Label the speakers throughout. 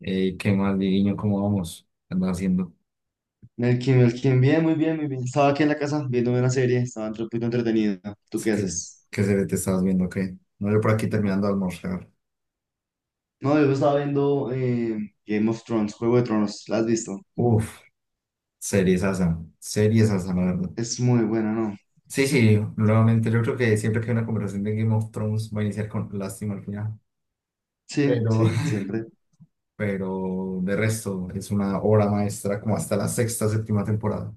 Speaker 1: Ey, ¿qué más, Diriño? ¿Cómo vamos? ¿Qué andas haciendo?
Speaker 2: Melkin, Melkin, bien, muy bien, muy bien. Estaba aquí en la casa viendo una serie, estaba un poquito entretenido. ¿Tú
Speaker 1: Es
Speaker 2: qué
Speaker 1: que,
Speaker 2: haces?
Speaker 1: ¿Qué serie te estabas viendo? ¿Qué? No, yo por aquí terminando de almorzar.
Speaker 2: No, yo estaba viendo Game of Thrones, Juego de Tronos, ¿la has visto?
Speaker 1: Uf, series asa, la verdad.
Speaker 2: Es muy buena, ¿no?
Speaker 1: Sí, sí, nuevamente yo creo que siempre que hay una conversación de Game of Thrones va a iniciar con lástima al final.
Speaker 2: Sí,
Speaker 1: Pero,
Speaker 2: sí, siempre.
Speaker 1: pero de resto, es una obra maestra como hasta la sexta, séptima temporada.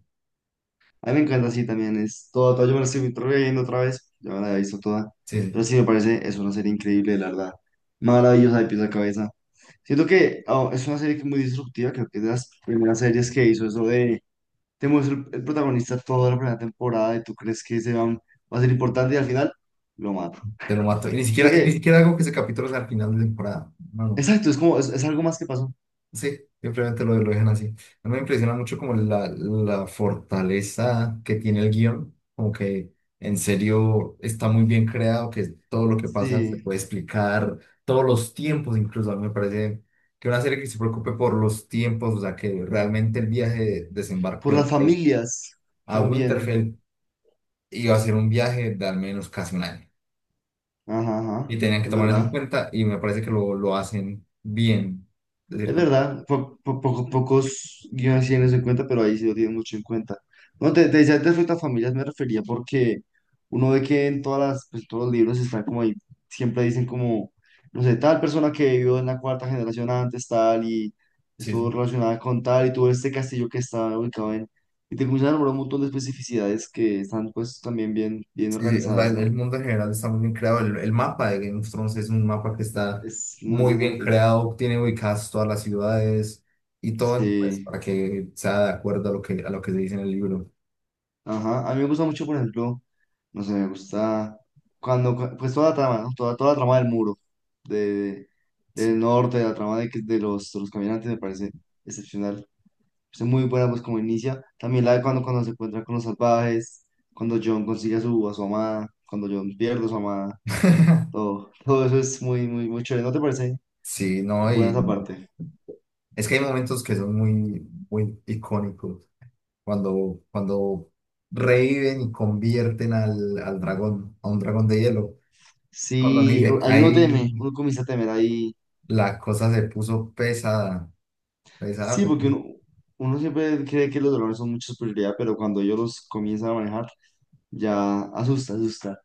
Speaker 2: A mí me encanta, sí, también es yo me la estoy viendo otra vez, ya me la he visto toda.
Speaker 1: Sí,
Speaker 2: Pero
Speaker 1: sí,
Speaker 2: sí, me parece, es una serie increíble, la verdad. Maravillosa de pies a cabeza. Siento que es una serie que es muy disruptiva, creo que es de las primeras series que hizo eso. Temo es el protagonista toda la primera temporada y tú crees que ese va a ser importante y al final lo mata.
Speaker 1: te lo mato.
Speaker 2: Siento
Speaker 1: Y ni
Speaker 2: que,
Speaker 1: siquiera hago que ese capítulo sea al final de temporada. No, no.
Speaker 2: exacto, es como, es algo más que pasó.
Speaker 1: Sí, simplemente lo dejan así. A mí me impresiona mucho como la fortaleza que tiene el guión, como que en serio está muy bien creado, que todo lo que pasa se
Speaker 2: Sí,
Speaker 1: puede explicar, todos los tiempos incluso, a mí me parece que una serie que se preocupe por los tiempos, o sea, que realmente el viaje de desembarco
Speaker 2: por las
Speaker 1: del rey
Speaker 2: familias
Speaker 1: a
Speaker 2: también.
Speaker 1: Winterfell iba a ser un viaje de al menos casi un año.
Speaker 2: Ajá, ajá,
Speaker 1: Y tenían que
Speaker 2: es
Speaker 1: tomar eso en
Speaker 2: verdad.
Speaker 1: cuenta y me parece que lo hacen bien, de
Speaker 2: Es
Speaker 1: cierto.
Speaker 2: verdad, pocos guiones sí tienen eso en cuenta, pero ahí sí lo tienen mucho en cuenta. No, te decía antes frente a familias me refería porque uno ve que en todas las, pues, todos los libros están como ahí, siempre dicen como, no sé, tal persona que vivió en la cuarta generación antes, tal, y
Speaker 1: Sí,
Speaker 2: estuvo
Speaker 1: sí.
Speaker 2: relacionada con tal, y tuvo este castillo que está ubicado en... Y te comienzan a nombrar un montón de especificidades que están pues también bien, bien
Speaker 1: Sí, o sea,
Speaker 2: organizadas,
Speaker 1: el
Speaker 2: ¿no?
Speaker 1: mundo en general está muy bien creado. El mapa de Game of Thrones es un mapa que está
Speaker 2: Es muy
Speaker 1: muy bien
Speaker 2: interesante.
Speaker 1: creado, tiene ubicadas todas las ciudades y todo, pues,
Speaker 2: Sí.
Speaker 1: para que sea de acuerdo a lo que se dice en el libro.
Speaker 2: Ajá, a mí me gusta mucho, por ejemplo, no sé, me gusta pues toda la trama, ¿no? Toda la trama del muro, de, del norte, la trama de de los caminantes me parece excepcional. Es muy buena, pues como inicia. También la de cuando se encuentra con los salvajes, cuando John consigue a a su amada, cuando John pierde a su amada, todo, todo eso es muy, muy, muy chévere. ¿No te parece
Speaker 1: Sí, no,
Speaker 2: buena esa
Speaker 1: y
Speaker 2: parte?
Speaker 1: es que hay momentos que son muy, muy icónicos. Cuando, cuando reviven y convierten al, al dragón, a un dragón de hielo. Cuando me
Speaker 2: Sí,
Speaker 1: dice,
Speaker 2: hay uno teme,
Speaker 1: ahí
Speaker 2: uno comienza a temer ahí.
Speaker 1: la cosa se puso pesada, pesada.
Speaker 2: Sí, porque
Speaker 1: Pesada.
Speaker 2: uno siempre cree que los dolores son mucha superioridad, pero cuando ellos los comienzan a manejar, ya asusta, asusta.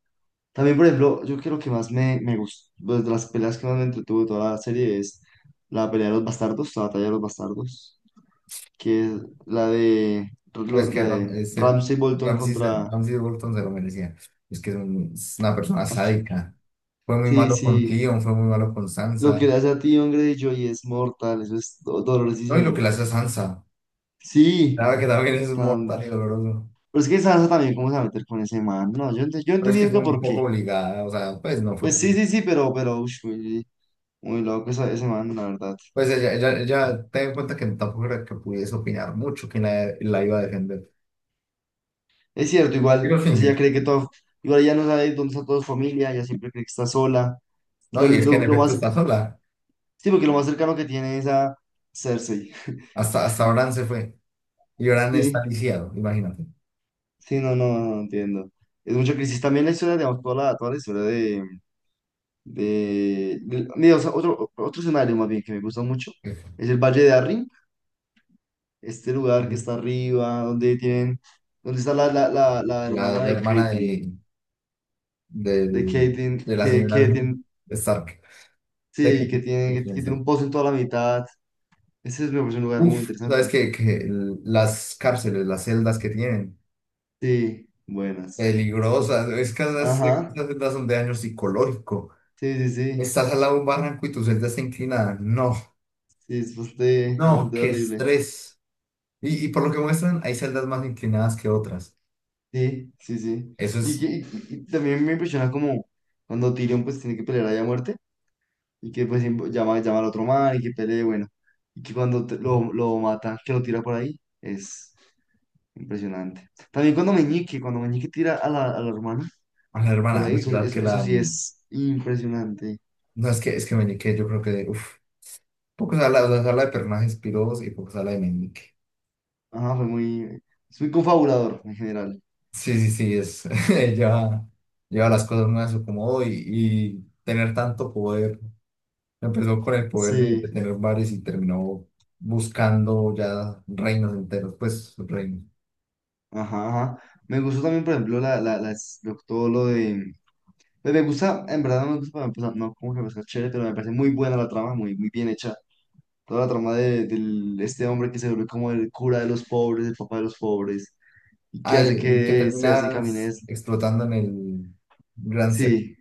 Speaker 2: También, por ejemplo, yo creo que más me gustó, pues, de las peleas que más me entretuvo de toda la serie es la pelea de los bastardos, la batalla de los bastardos, que es la
Speaker 1: Es que
Speaker 2: la
Speaker 1: Ram-
Speaker 2: de
Speaker 1: ese
Speaker 2: Ramsay Bolton
Speaker 1: Ramsey,
Speaker 2: contra...
Speaker 1: Ramsey Bolton se lo merecía. Es que es una persona sádica. Fue muy
Speaker 2: Sí,
Speaker 1: malo con
Speaker 2: sí,
Speaker 1: Cleon, fue muy malo con
Speaker 2: lo
Speaker 1: Sansa.
Speaker 2: que le hace a ti, hombre, Joy es mortal, eso es
Speaker 1: No, y lo que
Speaker 2: dolorosísimo.
Speaker 1: le hace a Sansa. La
Speaker 2: Sí,
Speaker 1: verdad que también es
Speaker 2: tan...
Speaker 1: mortal y doloroso.
Speaker 2: pero es que Sansa también, ¿cómo se va a meter con ese man? No, yo, yo
Speaker 1: Pero es
Speaker 2: entendí
Speaker 1: que fue
Speaker 2: nunca
Speaker 1: un
Speaker 2: por qué.
Speaker 1: poco obligada, o sea, pues no fue.
Speaker 2: Pues sí, sí, sí, pero, ush, muy, muy loco ese man, la verdad.
Speaker 1: Pues ella ten en cuenta que tampoco era que pudiese opinar mucho quién la iba a defender.
Speaker 2: Es cierto, igual, pues ella
Speaker 1: Littlefinger.
Speaker 2: cree que todo, igual ella no sabe dónde está toda su familia, ella siempre cree que está sola.
Speaker 1: No, y es que en
Speaker 2: Lo
Speaker 1: efecto
Speaker 2: más,
Speaker 1: está sola.
Speaker 2: sí, porque lo más cercano que tiene es a Cersei.
Speaker 1: Hasta, hasta Bran se fue. Y Bran está
Speaker 2: Sí,
Speaker 1: lisiado, imagínate.
Speaker 2: sí, no, no, no no entiendo. Es mucha crisis. También la historia, digamos, toda la historia mira, o sea, otro, otro escenario más bien que me gusta mucho es el Valle de Arryn, este lugar que está arriba, donde tienen, donde está la
Speaker 1: La,
Speaker 2: hermana
Speaker 1: la
Speaker 2: de
Speaker 1: hermana
Speaker 2: Caitlyn.
Speaker 1: de,
Speaker 2: De que
Speaker 1: del-
Speaker 2: tiene
Speaker 1: de la señora Stark. De que-
Speaker 2: sí,
Speaker 1: de la señora
Speaker 2: que tiene
Speaker 1: Stark.
Speaker 2: un pozo en toda la mitad. Ese es, me parece un lugar muy
Speaker 1: Uf, sabes
Speaker 2: interesante.
Speaker 1: que las cárceles, las celdas que tienen,
Speaker 2: Sí, buenas.
Speaker 1: peligrosas, es que esas,
Speaker 2: Ajá,
Speaker 1: esas celdas son de daño psicológico.
Speaker 2: sí, sí, sí.
Speaker 1: Estás al lado de un barranco y tu celda está inclinada. No,
Speaker 2: Sí, es bastante,
Speaker 1: no,
Speaker 2: bastante
Speaker 1: qué
Speaker 2: horrible.
Speaker 1: estrés. Y por lo que muestran, hay celdas más inclinadas que otras.
Speaker 2: Sí, sí, sí.
Speaker 1: Eso
Speaker 2: Y,
Speaker 1: es,
Speaker 2: que, y también me impresiona como cuando Tyrion pues tiene que pelear allá a muerte y que pues llama, llama al otro man y que pelee, bueno. Y que cuando lo mata, que lo tira por ahí, es impresionante. También cuando Meñique tira a a la hermana.
Speaker 1: a la
Speaker 2: Por
Speaker 1: hermana,
Speaker 2: ahí, eso,
Speaker 1: verdad que
Speaker 2: eso, eso
Speaker 1: la...
Speaker 2: sí es impresionante.
Speaker 1: No, es que Meñique, yo creo que, uf, poco se habla de personajes pirosos y poco se habla de Meñique.
Speaker 2: Ajá, fue muy, es muy confabulador en general.
Speaker 1: Sí, sí, sí, es, lleva, lleva las cosas muy a su acomodo y tener tanto poder. Empezó con el poder de
Speaker 2: Sí,
Speaker 1: tener bares y terminó buscando ya reinos enteros, pues reinos.
Speaker 2: ajá, ajá. Me gustó también, por ejemplo, todo lo de... Pues me gusta, en verdad no me gusta, pues, no como que me parece chévere, pero me parece muy buena la trama, muy, muy bien hecha. Toda la trama este hombre que se vuelve como el cura de los pobres, el papá de los pobres, y que
Speaker 1: Ah,
Speaker 2: hace
Speaker 1: el que
Speaker 2: que Cersei camine.
Speaker 1: terminas
Speaker 2: Des-
Speaker 1: explotando en el Gran Sept.
Speaker 2: Sí,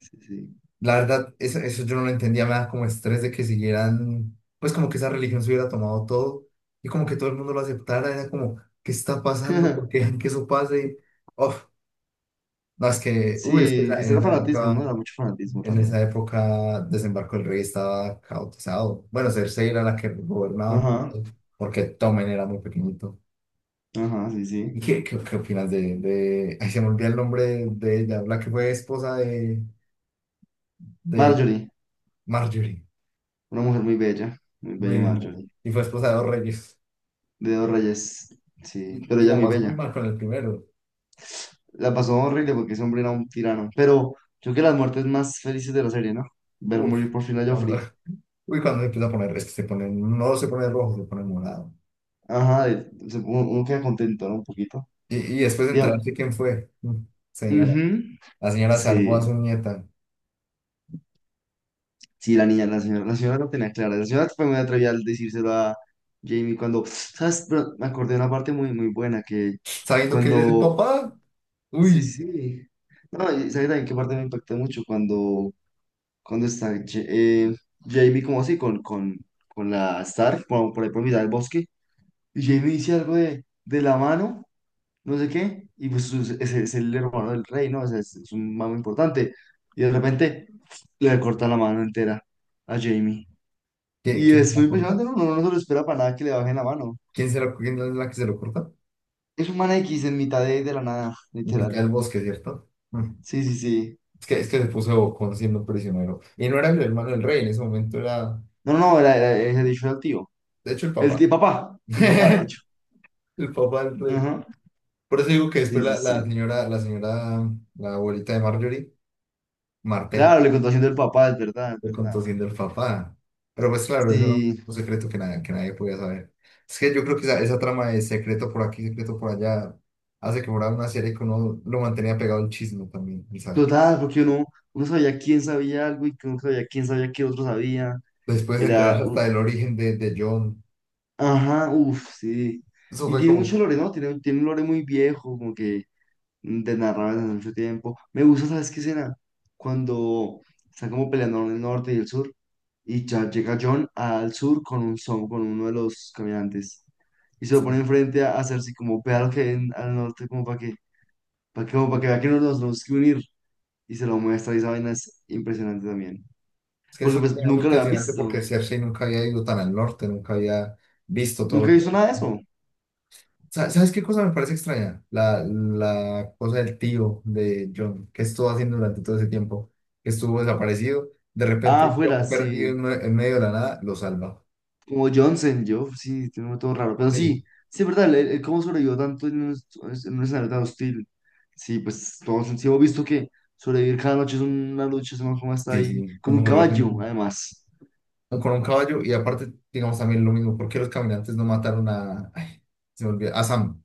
Speaker 2: sí, sí.
Speaker 1: La verdad, eso yo no lo entendía, me da como estrés de que siguieran, pues como que esa religión se hubiera tomado todo y como que todo el mundo lo aceptara, era como, ¿qué está pasando? ¿Por qué dejan que eso pase? Uf, no, es que, uy, es que
Speaker 2: Sí, pues era fanatismo, ¿no? Era mucho fanatismo
Speaker 1: en
Speaker 2: también.
Speaker 1: esa época Desembarco del Rey estaba caotizado. Bueno, Cersei era la que gobernaba,
Speaker 2: Ajá.
Speaker 1: porque Tommen era muy pequeñito.
Speaker 2: Ajá, sí,
Speaker 1: ¿Y
Speaker 2: sí.
Speaker 1: qué opinas de... Ay, se me olvida el nombre de ella, la que fue esposa de
Speaker 2: Marjorie,
Speaker 1: Marjorie.
Speaker 2: una mujer muy
Speaker 1: Muy
Speaker 2: bella
Speaker 1: bien.
Speaker 2: Marjorie.
Speaker 1: Y fue esposa de dos reyes.
Speaker 2: De dos reyes, sí, pero
Speaker 1: Y
Speaker 2: ella
Speaker 1: la
Speaker 2: muy
Speaker 1: pasó muy
Speaker 2: bella.
Speaker 1: mal con el primero.
Speaker 2: La pasó horrible porque ese hombre era un tirano, pero yo creo que las muertes más felices de la serie, ¿no? Ver
Speaker 1: Uf,
Speaker 2: morir por fin a
Speaker 1: cuando,
Speaker 2: Joffrey.
Speaker 1: uy, cuando se empieza a poner, es que se pone, no se pone rojo, se pone morado.
Speaker 2: Ajá, uno, uno queda contento, ¿no? Un poquito.
Speaker 1: Y después de
Speaker 2: Tío,
Speaker 1: enterarse quién fue. Señora.
Speaker 2: ujú,
Speaker 1: La señora salvó a
Speaker 2: sí,
Speaker 1: su nieta.
Speaker 2: sí, la niña, la señora lo tenía clara. La señora fue muy atrevida al decírselo a Jamie cuando, ¿sabes? Pero me acordé de una parte muy, muy buena que
Speaker 1: Sabiendo que él es el
Speaker 2: cuando
Speaker 1: papá.
Speaker 2: sí, sí.
Speaker 1: Uy,
Speaker 2: Sí. No, y sabes también qué parte me impactó mucho cuando, cuando está eh, Jamie como así con la Stark por ahí por mitad del bosque y Jamie dice algo de la mano, no sé qué, y pues es el hermano del rey, ¿no? O sea, es un mamo importante y de repente le corta la mano entera a Jamie. Y
Speaker 1: ¿quién se
Speaker 2: es
Speaker 1: la
Speaker 2: muy
Speaker 1: corta?
Speaker 2: impresionante, ¿no? Uno no se lo espera para nada que le bajen la mano.
Speaker 1: ¿Quién quién es la que se lo corta?
Speaker 2: Es un man X en mitad de la nada,
Speaker 1: La que está
Speaker 2: literal.
Speaker 1: en el bosque, ¿cierto? Mm.
Speaker 2: Sí, sí, sí.
Speaker 1: Es que se puso bocón siendo prisionero. Y no era el hermano del rey, en ese momento era,
Speaker 2: No, no, no, era dicho al tío.
Speaker 1: de hecho, el
Speaker 2: El
Speaker 1: papá.
Speaker 2: tío papá, el papá, de hecho.
Speaker 1: El papá del rey.
Speaker 2: Ajá.
Speaker 1: Por eso digo que después
Speaker 2: Sí, sí,
Speaker 1: la
Speaker 2: sí.
Speaker 1: señora, la señora, la abuelita de Marjorie,
Speaker 2: Claro,
Speaker 1: Martel,
Speaker 2: le contó haciendo el papá, es verdad, es
Speaker 1: lo
Speaker 2: verdad.
Speaker 1: contó siendo el papá. Pero pues claro, eso era
Speaker 2: Sí,
Speaker 1: un secreto que, que nadie podía saber. Es que yo creo que esa trama de secreto por aquí, secreto por allá, hace que fuera una serie que uno lo mantenía pegado al chisme también, y sabe que...
Speaker 2: total, porque uno sabía quién sabía algo y que uno sabía quién sabía qué otro sabía.
Speaker 1: Después de
Speaker 2: Era,
Speaker 1: enterarse hasta
Speaker 2: u-
Speaker 1: del origen de John,
Speaker 2: ajá, uff, sí.
Speaker 1: eso
Speaker 2: Y
Speaker 1: fue
Speaker 2: tiene
Speaker 1: como...
Speaker 2: mucho lore, ¿no? Tiene, tiene un lore muy viejo, como que de narrar desde hace mucho tiempo. Me gusta, ¿sabes qué escena? Cuando están como peleando en el norte y el sur, y ya llega John al sur con un son, con uno de los caminantes, y se lo pone
Speaker 1: Sí.
Speaker 2: enfrente a Cersei, como vea lo que ven al norte, como para que, como para que vea que nos, nos tenemos que unir, y se lo muestra, y esa vaina es impresionante también.
Speaker 1: Es que es
Speaker 2: Porque
Speaker 1: una
Speaker 2: pues
Speaker 1: cosa muy
Speaker 2: nunca lo habían
Speaker 1: intencionante porque
Speaker 2: visto,
Speaker 1: Cersei nunca había ido tan al norte, nunca había visto todo
Speaker 2: nunca
Speaker 1: lo
Speaker 2: he
Speaker 1: que
Speaker 2: visto nada de eso.
Speaker 1: ¿Sabes qué cosa me parece extraña? La cosa del tío de John, que estuvo haciendo durante todo ese tiempo, que estuvo desaparecido. De
Speaker 2: Ah,
Speaker 1: repente,
Speaker 2: afuera,
Speaker 1: John perdido
Speaker 2: sí.
Speaker 1: en, en medio de la nada, lo salva.
Speaker 2: Como Johnson, yo, sí, tiene un nombre todo raro. Pero sí,
Speaker 1: Sí,
Speaker 2: sí, es verdad, él cómo sobrevivió tanto en un escenario tan hostil. Sí, pues todos sí hemos visto que sobrevivir cada noche es una lucha, sabemos cómo está
Speaker 1: sí,
Speaker 2: ahí,
Speaker 1: sí,
Speaker 2: con
Speaker 1: como
Speaker 2: un
Speaker 1: perdió
Speaker 2: caballo, además.
Speaker 1: con un caballo. Y aparte, digamos también lo mismo, ¿por qué los caminantes no mataron a, ay, se me olvida, a Sam?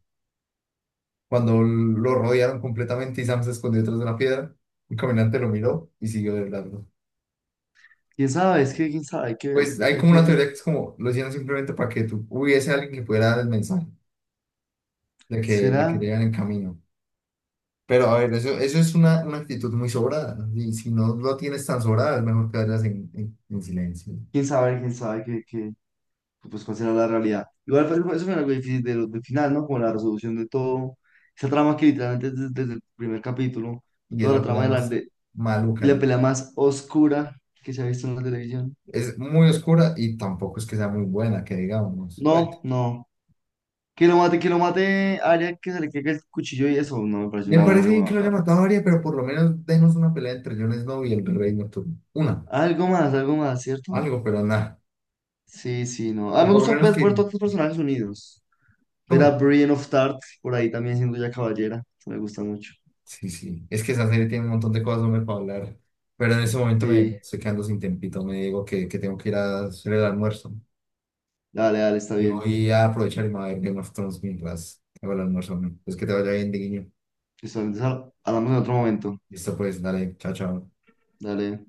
Speaker 1: Cuando lo rodearon completamente y Sam se escondió detrás de una piedra, un caminante lo miró y siguió de largo.
Speaker 2: ¿Quién sabe? Es que, ¿quién sabe?
Speaker 1: Pues hay
Speaker 2: Hay
Speaker 1: como una
Speaker 2: que,
Speaker 1: teoría que es como, lo hicieron simplemente para que tú hubiese alguien que pudiera dar el mensaje. De que, de que
Speaker 2: ¿será?
Speaker 1: llegan en camino. Pero a ver, eso es una actitud muy sobrada, ¿no? Y si no lo tienes tan sobrada, es mejor que vayas en, en silencio.
Speaker 2: ¿Quién sabe? ¿Quién sabe que, pues, cuál será la realidad? Igual, pues, eso fue algo difícil de del final, ¿no? Como la resolución de todo, esa trama que literalmente desde el primer capítulo,
Speaker 1: Y es
Speaker 2: toda la
Speaker 1: la pelea
Speaker 2: trama de
Speaker 1: más
Speaker 2: y
Speaker 1: maluca.
Speaker 2: la
Speaker 1: La...
Speaker 2: pelea más oscura que se ha visto en la televisión.
Speaker 1: Es muy oscura y tampoco es que sea muy buena, que digamos.
Speaker 2: No,
Speaker 1: Pues,
Speaker 2: no. Que lo mate, haría que se le caiga el cuchillo y eso no me parece
Speaker 1: me
Speaker 2: una buena
Speaker 1: parece
Speaker 2: forma
Speaker 1: bien
Speaker 2: de
Speaker 1: que lo haya
Speaker 2: matarlo.
Speaker 1: matado a Arya, pero por lo menos denos una pelea entre Jon Snow y el Rey Nocturno. Una,
Speaker 2: Algo más, ¿cierto?
Speaker 1: algo, pero nada.
Speaker 2: Sí, sí, no.
Speaker 1: O
Speaker 2: Ah, me
Speaker 1: por lo
Speaker 2: gusta
Speaker 1: menos
Speaker 2: ver,
Speaker 1: que,
Speaker 2: ver todos los personajes unidos. Ver a
Speaker 1: ¿cómo?
Speaker 2: Brienne of Tarth por ahí también siendo ya caballera. Eso me gusta mucho.
Speaker 1: Sí, sí. Es que esa serie tiene un montón de cosas hombre, para hablar. Pero en ese momento me
Speaker 2: Sí,
Speaker 1: estoy quedando sin tempito. Me digo que tengo que ir a hacer el almuerzo.
Speaker 2: dale, dale, está
Speaker 1: Y
Speaker 2: bien.
Speaker 1: voy a aprovechar y me voy a ver Game of Thrones mientras hago el almuerzo, hombre. Pues que te vaya bien, de guiño.
Speaker 2: Listo, entonces hablamos en otro momento.
Speaker 1: Listo, pues, dale. Chao, chao.
Speaker 2: Dale.